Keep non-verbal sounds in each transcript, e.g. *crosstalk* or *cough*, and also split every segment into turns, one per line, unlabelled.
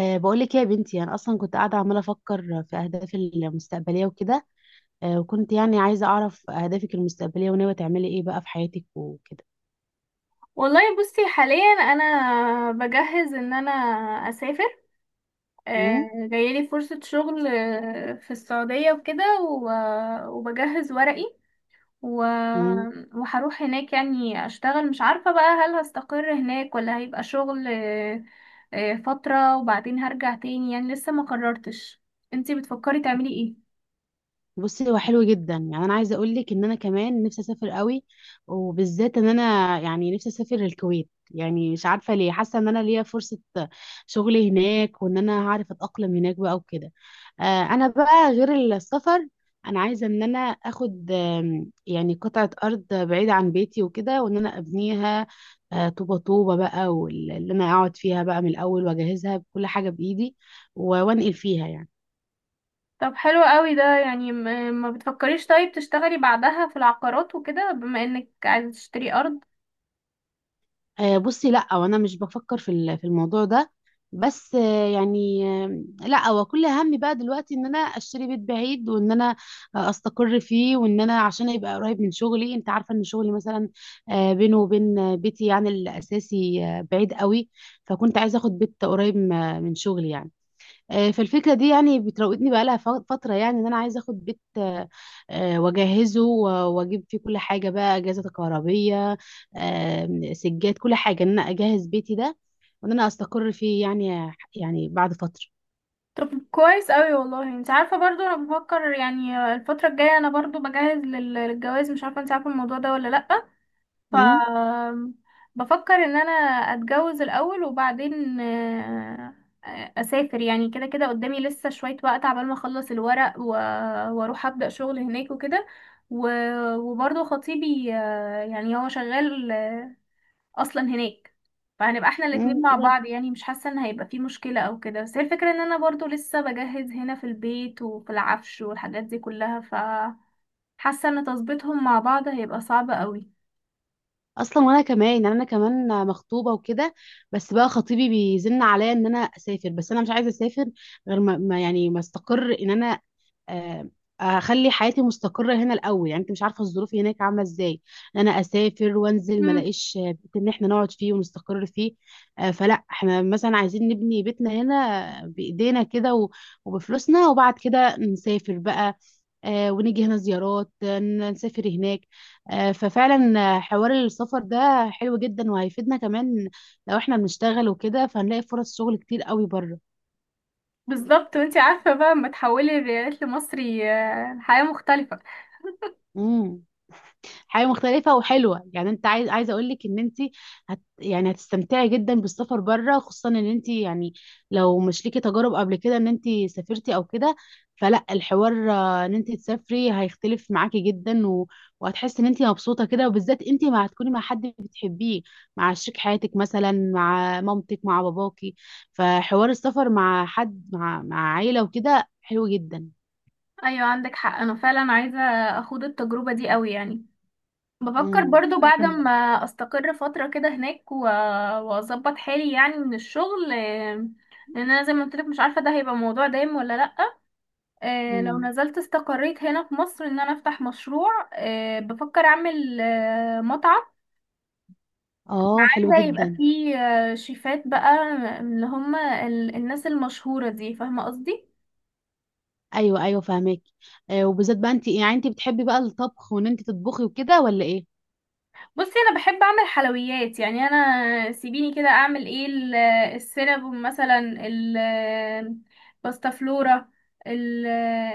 بقولك إيه يا بنتي، أنا أصلا كنت قاعدة عمالة أفكر في أهدافي المستقبلية وكده. وكنت يعني عايزة أعرف أهدافك المستقبلية وناوية تعملي إيه بقى في حياتك وكده.
والله بصي حاليا انا بجهز ان انا اسافر. جايلي فرصة شغل في السعودية وكده وبجهز ورقي و-
مم؟
وهروح هناك يعني اشتغل، مش عارفة بقى هل هستقر هناك ولا هيبقى شغل فترة وبعدين هرجع تاني، يعني لسه ما قررتش. انتي بتفكري تعملي ايه؟
بصي، هو حلو جدا، يعني انا عايزه اقول لك ان انا كمان نفسي اسافر قوي، وبالذات ان انا يعني نفسي اسافر الكويت، يعني مش عارفه ليه، حاسه ان انا ليا فرصه شغل هناك وان انا هعرف اتاقلم هناك بقى وكده. آه، انا بقى غير السفر، انا عايزه ان انا اخد يعني قطعه ارض بعيده عن بيتي وكده وان انا ابنيها طوبه طوبه بقى، واللي انا اقعد فيها بقى من الاول واجهزها بكل حاجه بايدي، وانقل فيها يعني.
طب حلو قوي ده، يعني ما بتفكريش طيب تشتغلي بعدها في العقارات وكده بما انك عايزة تشتري ارض؟
بصي، لا، وانا مش بفكر في في الموضوع ده، بس يعني لا، هو كل همي بقى دلوقتي ان انا اشتري بيت بعيد، وان انا استقر فيه، وان انا عشان يبقى قريب من شغلي. انت عارفه ان شغلي مثلا بينه وبين بيتي يعني الاساسي بعيد قوي، فكنت عايزه اخد بيت قريب من شغلي يعني. فالفكرة دي يعني بتراودني بقالها فترة، يعني ان انا عايزة اخد بيت، واجهزه واجيب فيه كل حاجة بقى، اجهزة كهربية، سجاد، كل حاجة، ان انا اجهز بيتي ده، وان انا استقر فيه يعني، يعني بعد فترة.
طب كويس قوي، والله انت عارفه برضو انا بفكر يعني الفتره الجايه انا برضو بجهز للجواز، مش عارفه انت عارفه الموضوع ده ولا لا. ف
امم.
بفكر ان انا اتجوز الاول وبعدين اسافر، يعني كده كده قدامي لسه شويه وقت عبال ما اخلص الورق واروح ابدا شغل هناك وكده. وبرضو خطيبي يعني هو شغال اصلا هناك، فهنبقى احنا
امم،
الاتنين
ايه
مع
ده؟
بعض، يعني مش حاسه ان هيبقى في مشكله او كده، بس هي الفكره ان انا برضو لسه بجهز هنا في البيت وفي العفش والحاجات دي كلها. حاسه ان تظبيطهم مع بعض هيبقى صعب قوي.
اصلا وانا كمان، يعني انا كمان مخطوبة وكده، بس بقى خطيبي بيزن عليا ان انا اسافر، بس انا مش عايزة اسافر غير يعني ما استقر ان انا آه، اخلي حياتي مستقره هنا الاول. يعني انت مش عارفه الظروف هناك عامله ازاي، إن انا اسافر وانزل ما
امم.
الاقيش بيت ان احنا نقعد فيه ونستقر فيه. فلا، احنا مثلا عايزين نبني بيتنا هنا بايدينا كده، وبفلوسنا، وبعد كده نسافر بقى، ونيجي هنا زيارات، نسافر هناك. ففعلا حوار السفر ده حلو جدا وهيفيدنا كمان، لو احنا بنشتغل وكده فهنلاقي فرص شغل كتير قوي بره.
بالظبط، وانتي عارفه بقى لما تحولي الريالات لمصري الحياه مختلفه.
امم. حاجه مختلفه وحلوه، يعني انت عايزه اقول لك ان انت هت يعني هتستمتعي جدا بالسفر بره، خصوصا ان انت يعني لو مش ليكي تجارب قبل كده ان انت سافرتي او كده. فلا الحوار ان انت تسافري هيختلف معاكي جدا، وهتحسي ان انت مبسوطه كده، وبالذات انت ما هتكوني مع حد بتحبيه، مع شريك حياتك، مثلا مع مامتك، مع باباكي، فحوار السفر مع حد، مع عيله وكده حلو جدا.
ايوه عندك حق، انا فعلا عايزه اخوض التجربه دي قوي يعني. بفكر برضو
انا
بعد ما
كمان.
استقر فترة كده هناك واظبط حالي يعني من الشغل، لان انا زي ما قلت لك مش عارفة ده هيبقى موضوع دايم ولا لا. لو
امم.
نزلت استقريت هنا في مصر ان انا افتح مشروع، بفكر اعمل مطعم.
اه، حلو
عايزة يبقى
جدا.
فيه شيفات بقى، اللي هم الناس المشهورة دي، فاهمة قصدي.
ايوه ايوه فاهمك. آه، وبالذات بقى انت، يعني انت بتحبي بقى الطبخ وان انت تطبخي وكده ولا ايه؟
بصي انا بحب اعمل حلويات، يعني انا سيبيني كده اعمل ايه السينابون مثلا، باستا فلورا، ال-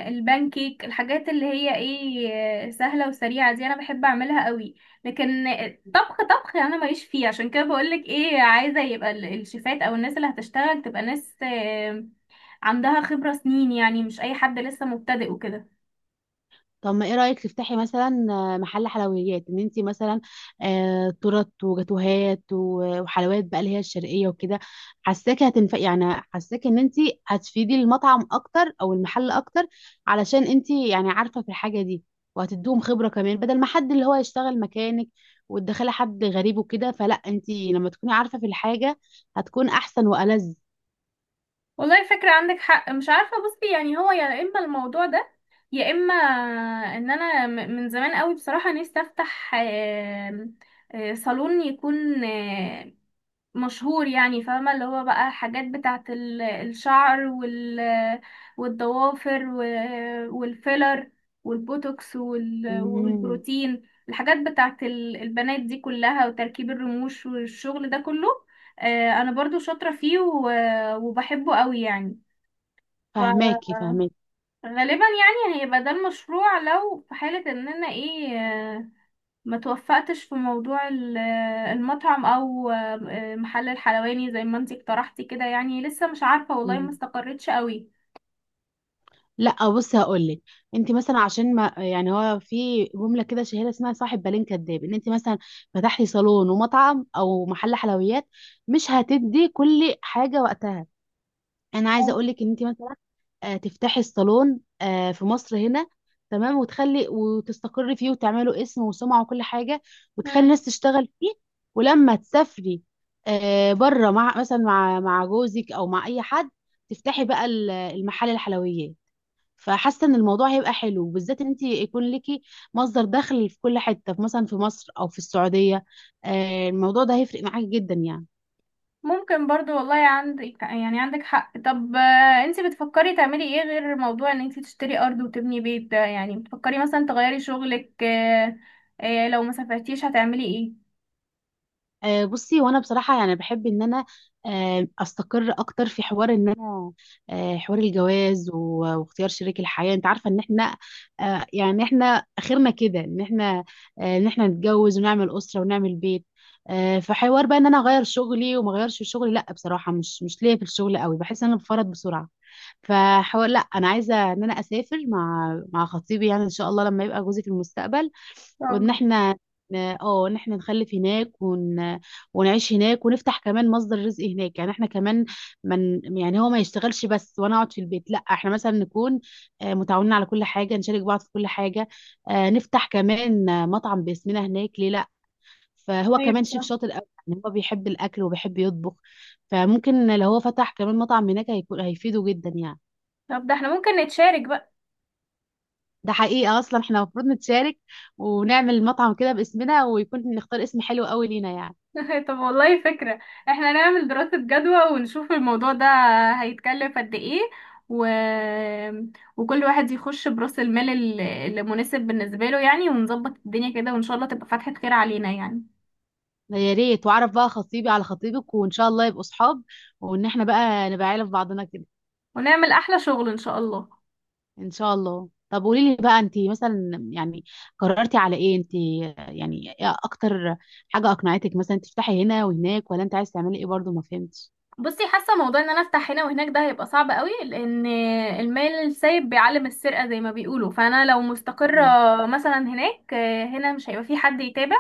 البانكيك، الحاجات اللي هي ايه سهله وسريعه دي انا بحب اعملها قوي. لكن طبخ طبخ انا ماليش فيه، عشان كده بقولك ايه، عايزه يبقى الشيفات او الناس اللي هتشتغل تبقى ناس عندها خبره سنين، يعني مش اي حد لسه مبتدئ وكده.
طب ما ايه رايك تفتحي مثلا محل حلويات، ان انت مثلا آه تورت وجاتوهات وحلويات بقى اللي هي الشرقيه وكده. حاساكي هتنفع يعني، حاساكي ان انت هتفيدي المطعم اكتر او المحل اكتر، علشان انت يعني عارفه في الحاجه دي، وهتديهم خبره كمان، بدل ما حد اللي هو يشتغل مكانك وتدخلي حد غريب وكده. فلا، انت لما تكوني عارفه في الحاجه هتكون احسن والذ.
والله فكرة، عندك حق، مش عارفة بصي يعني هو يا إما الموضوع ده، يا إما إن أنا من زمان قوي بصراحة نفسي أفتح صالون يكون مشهور، يعني فاهمة اللي هو بقى حاجات بتاعة الشعر والضوافر والفيلر والبوتوكس
امم.
والبروتين، الحاجات بتاعة البنات دي كلها، وتركيب الرموش والشغل ده كله. انا برضو شاطرة فيه وبحبه قوي يعني.
فهماكي
فغالبا
فهماكي.
يعني هيبقى ده المشروع لو في حالة ان انا ايه ما توفقتش في موضوع المطعم او محل الحلواني زي ما انتي اقترحتي كده، يعني لسه مش عارفة والله، ما
مم.
استقريتش قوي.
لا، بصي هقول لك، انت مثلا عشان ما يعني، هو في جمله كده شهيره اسمها صاحب بالين كداب، ان انت مثلا فتحتي صالون ومطعم او محل حلويات مش هتدي كل حاجه وقتها. انا عايزه اقول
أيوة.
لك ان انت مثلا تفتحي الصالون في مصر هنا، تمام، وتخلي وتستقري فيه وتعملوا اسم وسمعة وكل حاجة، وتخلي
مم.
الناس تشتغل فيه، ولما تسافري بره، مع مثلا مع جوزك او مع اي حد، تفتحي بقى المحل الحلويات. فحاسه ان الموضوع هيبقى حلو، بالذات ان انت يكون ليكي مصدر دخل في كل حته، في مثلا في مصر او في السعوديه. الموضوع ده هيفرق معاكي جدا يعني.
ممكن برضو، والله عندك يعني عندك حق. طب انتي بتفكري تعملي ايه غير موضوع ان انتي تشتري ارض وتبني بيت ده، يعني بتفكري مثلا تغيري شغلك، لو ما سافرتيش هتعملي ايه؟ إن
بصي، وانا بصراحه يعني بحب ان انا استقر اكتر في حوار ان انا حوار الجواز واختيار شريك الحياه. انت عارفه ان احنا يعني احنا اخرنا كده ان احنا ان احنا نتجوز ونعمل اسره ونعمل بيت. فحوار بقى ان انا اغير شغلي وما اغيرش في شغلي، لا بصراحه، مش ليا في الشغل قوي، بحس ان انا بفرط بسرعه. فحوار لا، انا عايزه ان انا اسافر مع خطيبي، يعني ان شاء الله لما يبقى جوزي في المستقبل،
شاء
وان
الله.
احنا ان احنا نخلف هناك، ونعيش هناك، ونفتح كمان مصدر رزق هناك. يعني احنا كمان، من يعني، هو ما يشتغلش بس وانا اقعد في البيت، لا احنا مثلا نكون متعاونين على كل حاجة، نشارك بعض في كل حاجة، نفتح كمان مطعم باسمنا هناك، ليه لا؟ فهو كمان
أيوة.
شيف شاطر قوي، يعني هو بيحب الاكل وبيحب يطبخ، فممكن لو هو فتح كمان مطعم هناك هيفيده جدا يعني.
طب ده احنا ممكن نتشارك بقى.
ده حقيقة، اصلا احنا المفروض نتشارك، ونعمل مطعم كده باسمنا، ويكون نختار اسم حلو قوي لينا يعني.
*laughs* طب والله فكرة، احنا نعمل دراسة جدوى ونشوف الموضوع ده هيتكلف قد ايه و... وكل واحد يخش برأس المال اللي مناسب بالنسبة له، يعني ونظبط الدنيا كده، وان شاء الله تبقى فتحة خير علينا يعني.
يا ريت، واعرف بقى خطيبي على خطيبك وان شاء الله يبقوا صحاب، وان احنا بقى نبقى عيله في بعضنا كده.
ونعمل احلى شغل ان شاء الله.
ان شاء الله. طب قولي لي بقى، انت مثلا يعني قررتي على ايه انت؟ يعني إيه اكتر حاجه اقنعتك مثلا تفتحي هنا وهناك؟ ولا انت عايز تعملي ايه؟ برضو ما فهمتش.
بصي، حاسة موضوع ان انا افتح هنا وهناك ده هيبقى صعب قوي، لان المال السايب بيعلم السرقة زي ما بيقولوا. فانا لو مستقرة
مم.
مثلا هناك، هنا مش هيبقى في حد يتابع،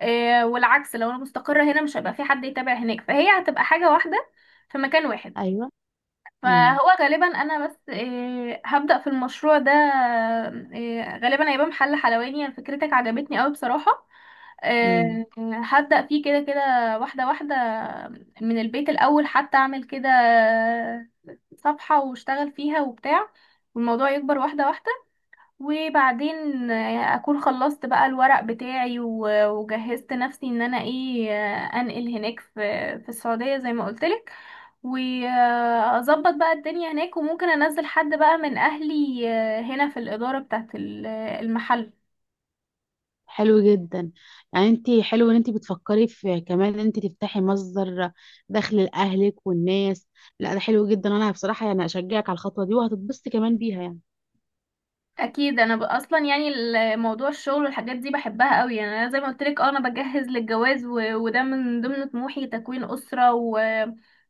والعكس لو انا مستقرة هنا مش هيبقى في حد يتابع هناك، فهي هتبقى حاجة واحدة في مكان واحد.
ايوه. امم.
فهو غالبا انا بس هبدأ في المشروع ده، غالبا هيبقى محل حلواني، يعني فكرتك عجبتني قوي بصراحة.
امم،
آه، هبدأ فيه كده كده، واحدة واحدة من البيت الأول، حتى أعمل كده صفحة واشتغل فيها وبتاع، والموضوع يكبر واحدة واحدة. وبعدين اكون خلصت بقى الورق بتاعي وجهزت نفسي ان انا ايه، انقل هناك في السعودية زي ما قلتلك، واظبط بقى الدنيا هناك. وممكن انزل حد بقى من اهلي هنا في الإدارة بتاعت المحل.
حلو جدا، يعني انت حلو ان انت بتفكري في كمان ان انت تفتحي مصدر دخل لاهلك والناس. لا ده حلو جدا، انا بصراحه يعني اشجعك على الخطوه دي، وهتتبسطي كمان بيها يعني.
اكيد انا اصلا يعني موضوع الشغل والحاجات دي بحبها قوي، يعني انا زي ما قلت لك انا بجهز للجواز، وده من ضمن طموحي تكوين اسره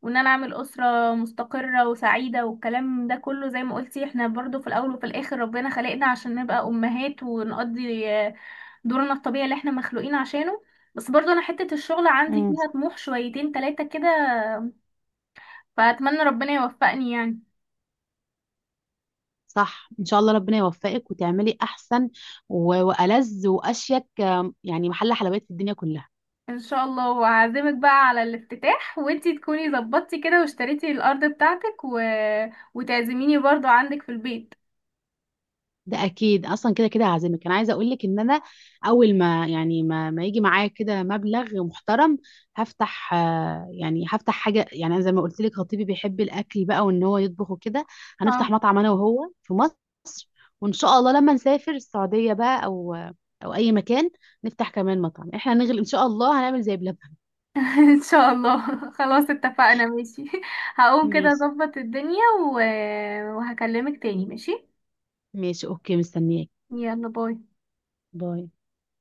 وان انا اعمل اسره مستقره وسعيده والكلام ده كله. زي ما قلتي احنا برضو في الاول وفي الاخر ربنا خلقنا عشان نبقى امهات ونقضي دورنا الطبيعي اللي احنا مخلوقين عشانه. بس برضو انا حته الشغل عندي
مم.
فيها طموح شويتين تلاتة كده، فاتمنى ربنا يوفقني يعني.
صح، ان شاء الله ربنا يوفقك وتعملي احسن والذ واشيك يعني محل حلويات في الدنيا كلها.
ان شاء الله وهعزمك بقى على الافتتاح وانتي تكوني ظبطتي كده واشتريتي الارض بتاعتك وتعزميني برضو عندك في البيت.
ده اكيد، اصلا كده كده هعزمك. انا عايزه اقول لك ان انا اول ما يعني ما يجي معايا كده مبلغ محترم، هفتح يعني هفتح حاجه. يعني أنا زي ما قلت لك خطيبي بيحب الاكل بقى وان هو يطبخ وكده، هنفتح
اه.
مطعم انا وهو في مصر، وان شاء الله لما نسافر السعوديه بقى او اي مكان نفتح كمان مطعم. احنا هنغل ان شاء الله، هنعمل زي بلبن.
*laughs* ان شاء الله. خلاص اتفقنا ماشي. *laughs* هقوم كده
ماشي.
اظبط الدنيا و... وهكلمك تاني ماشي.
ماشي، اوكي، مستنياك.
يلا باي.
باي.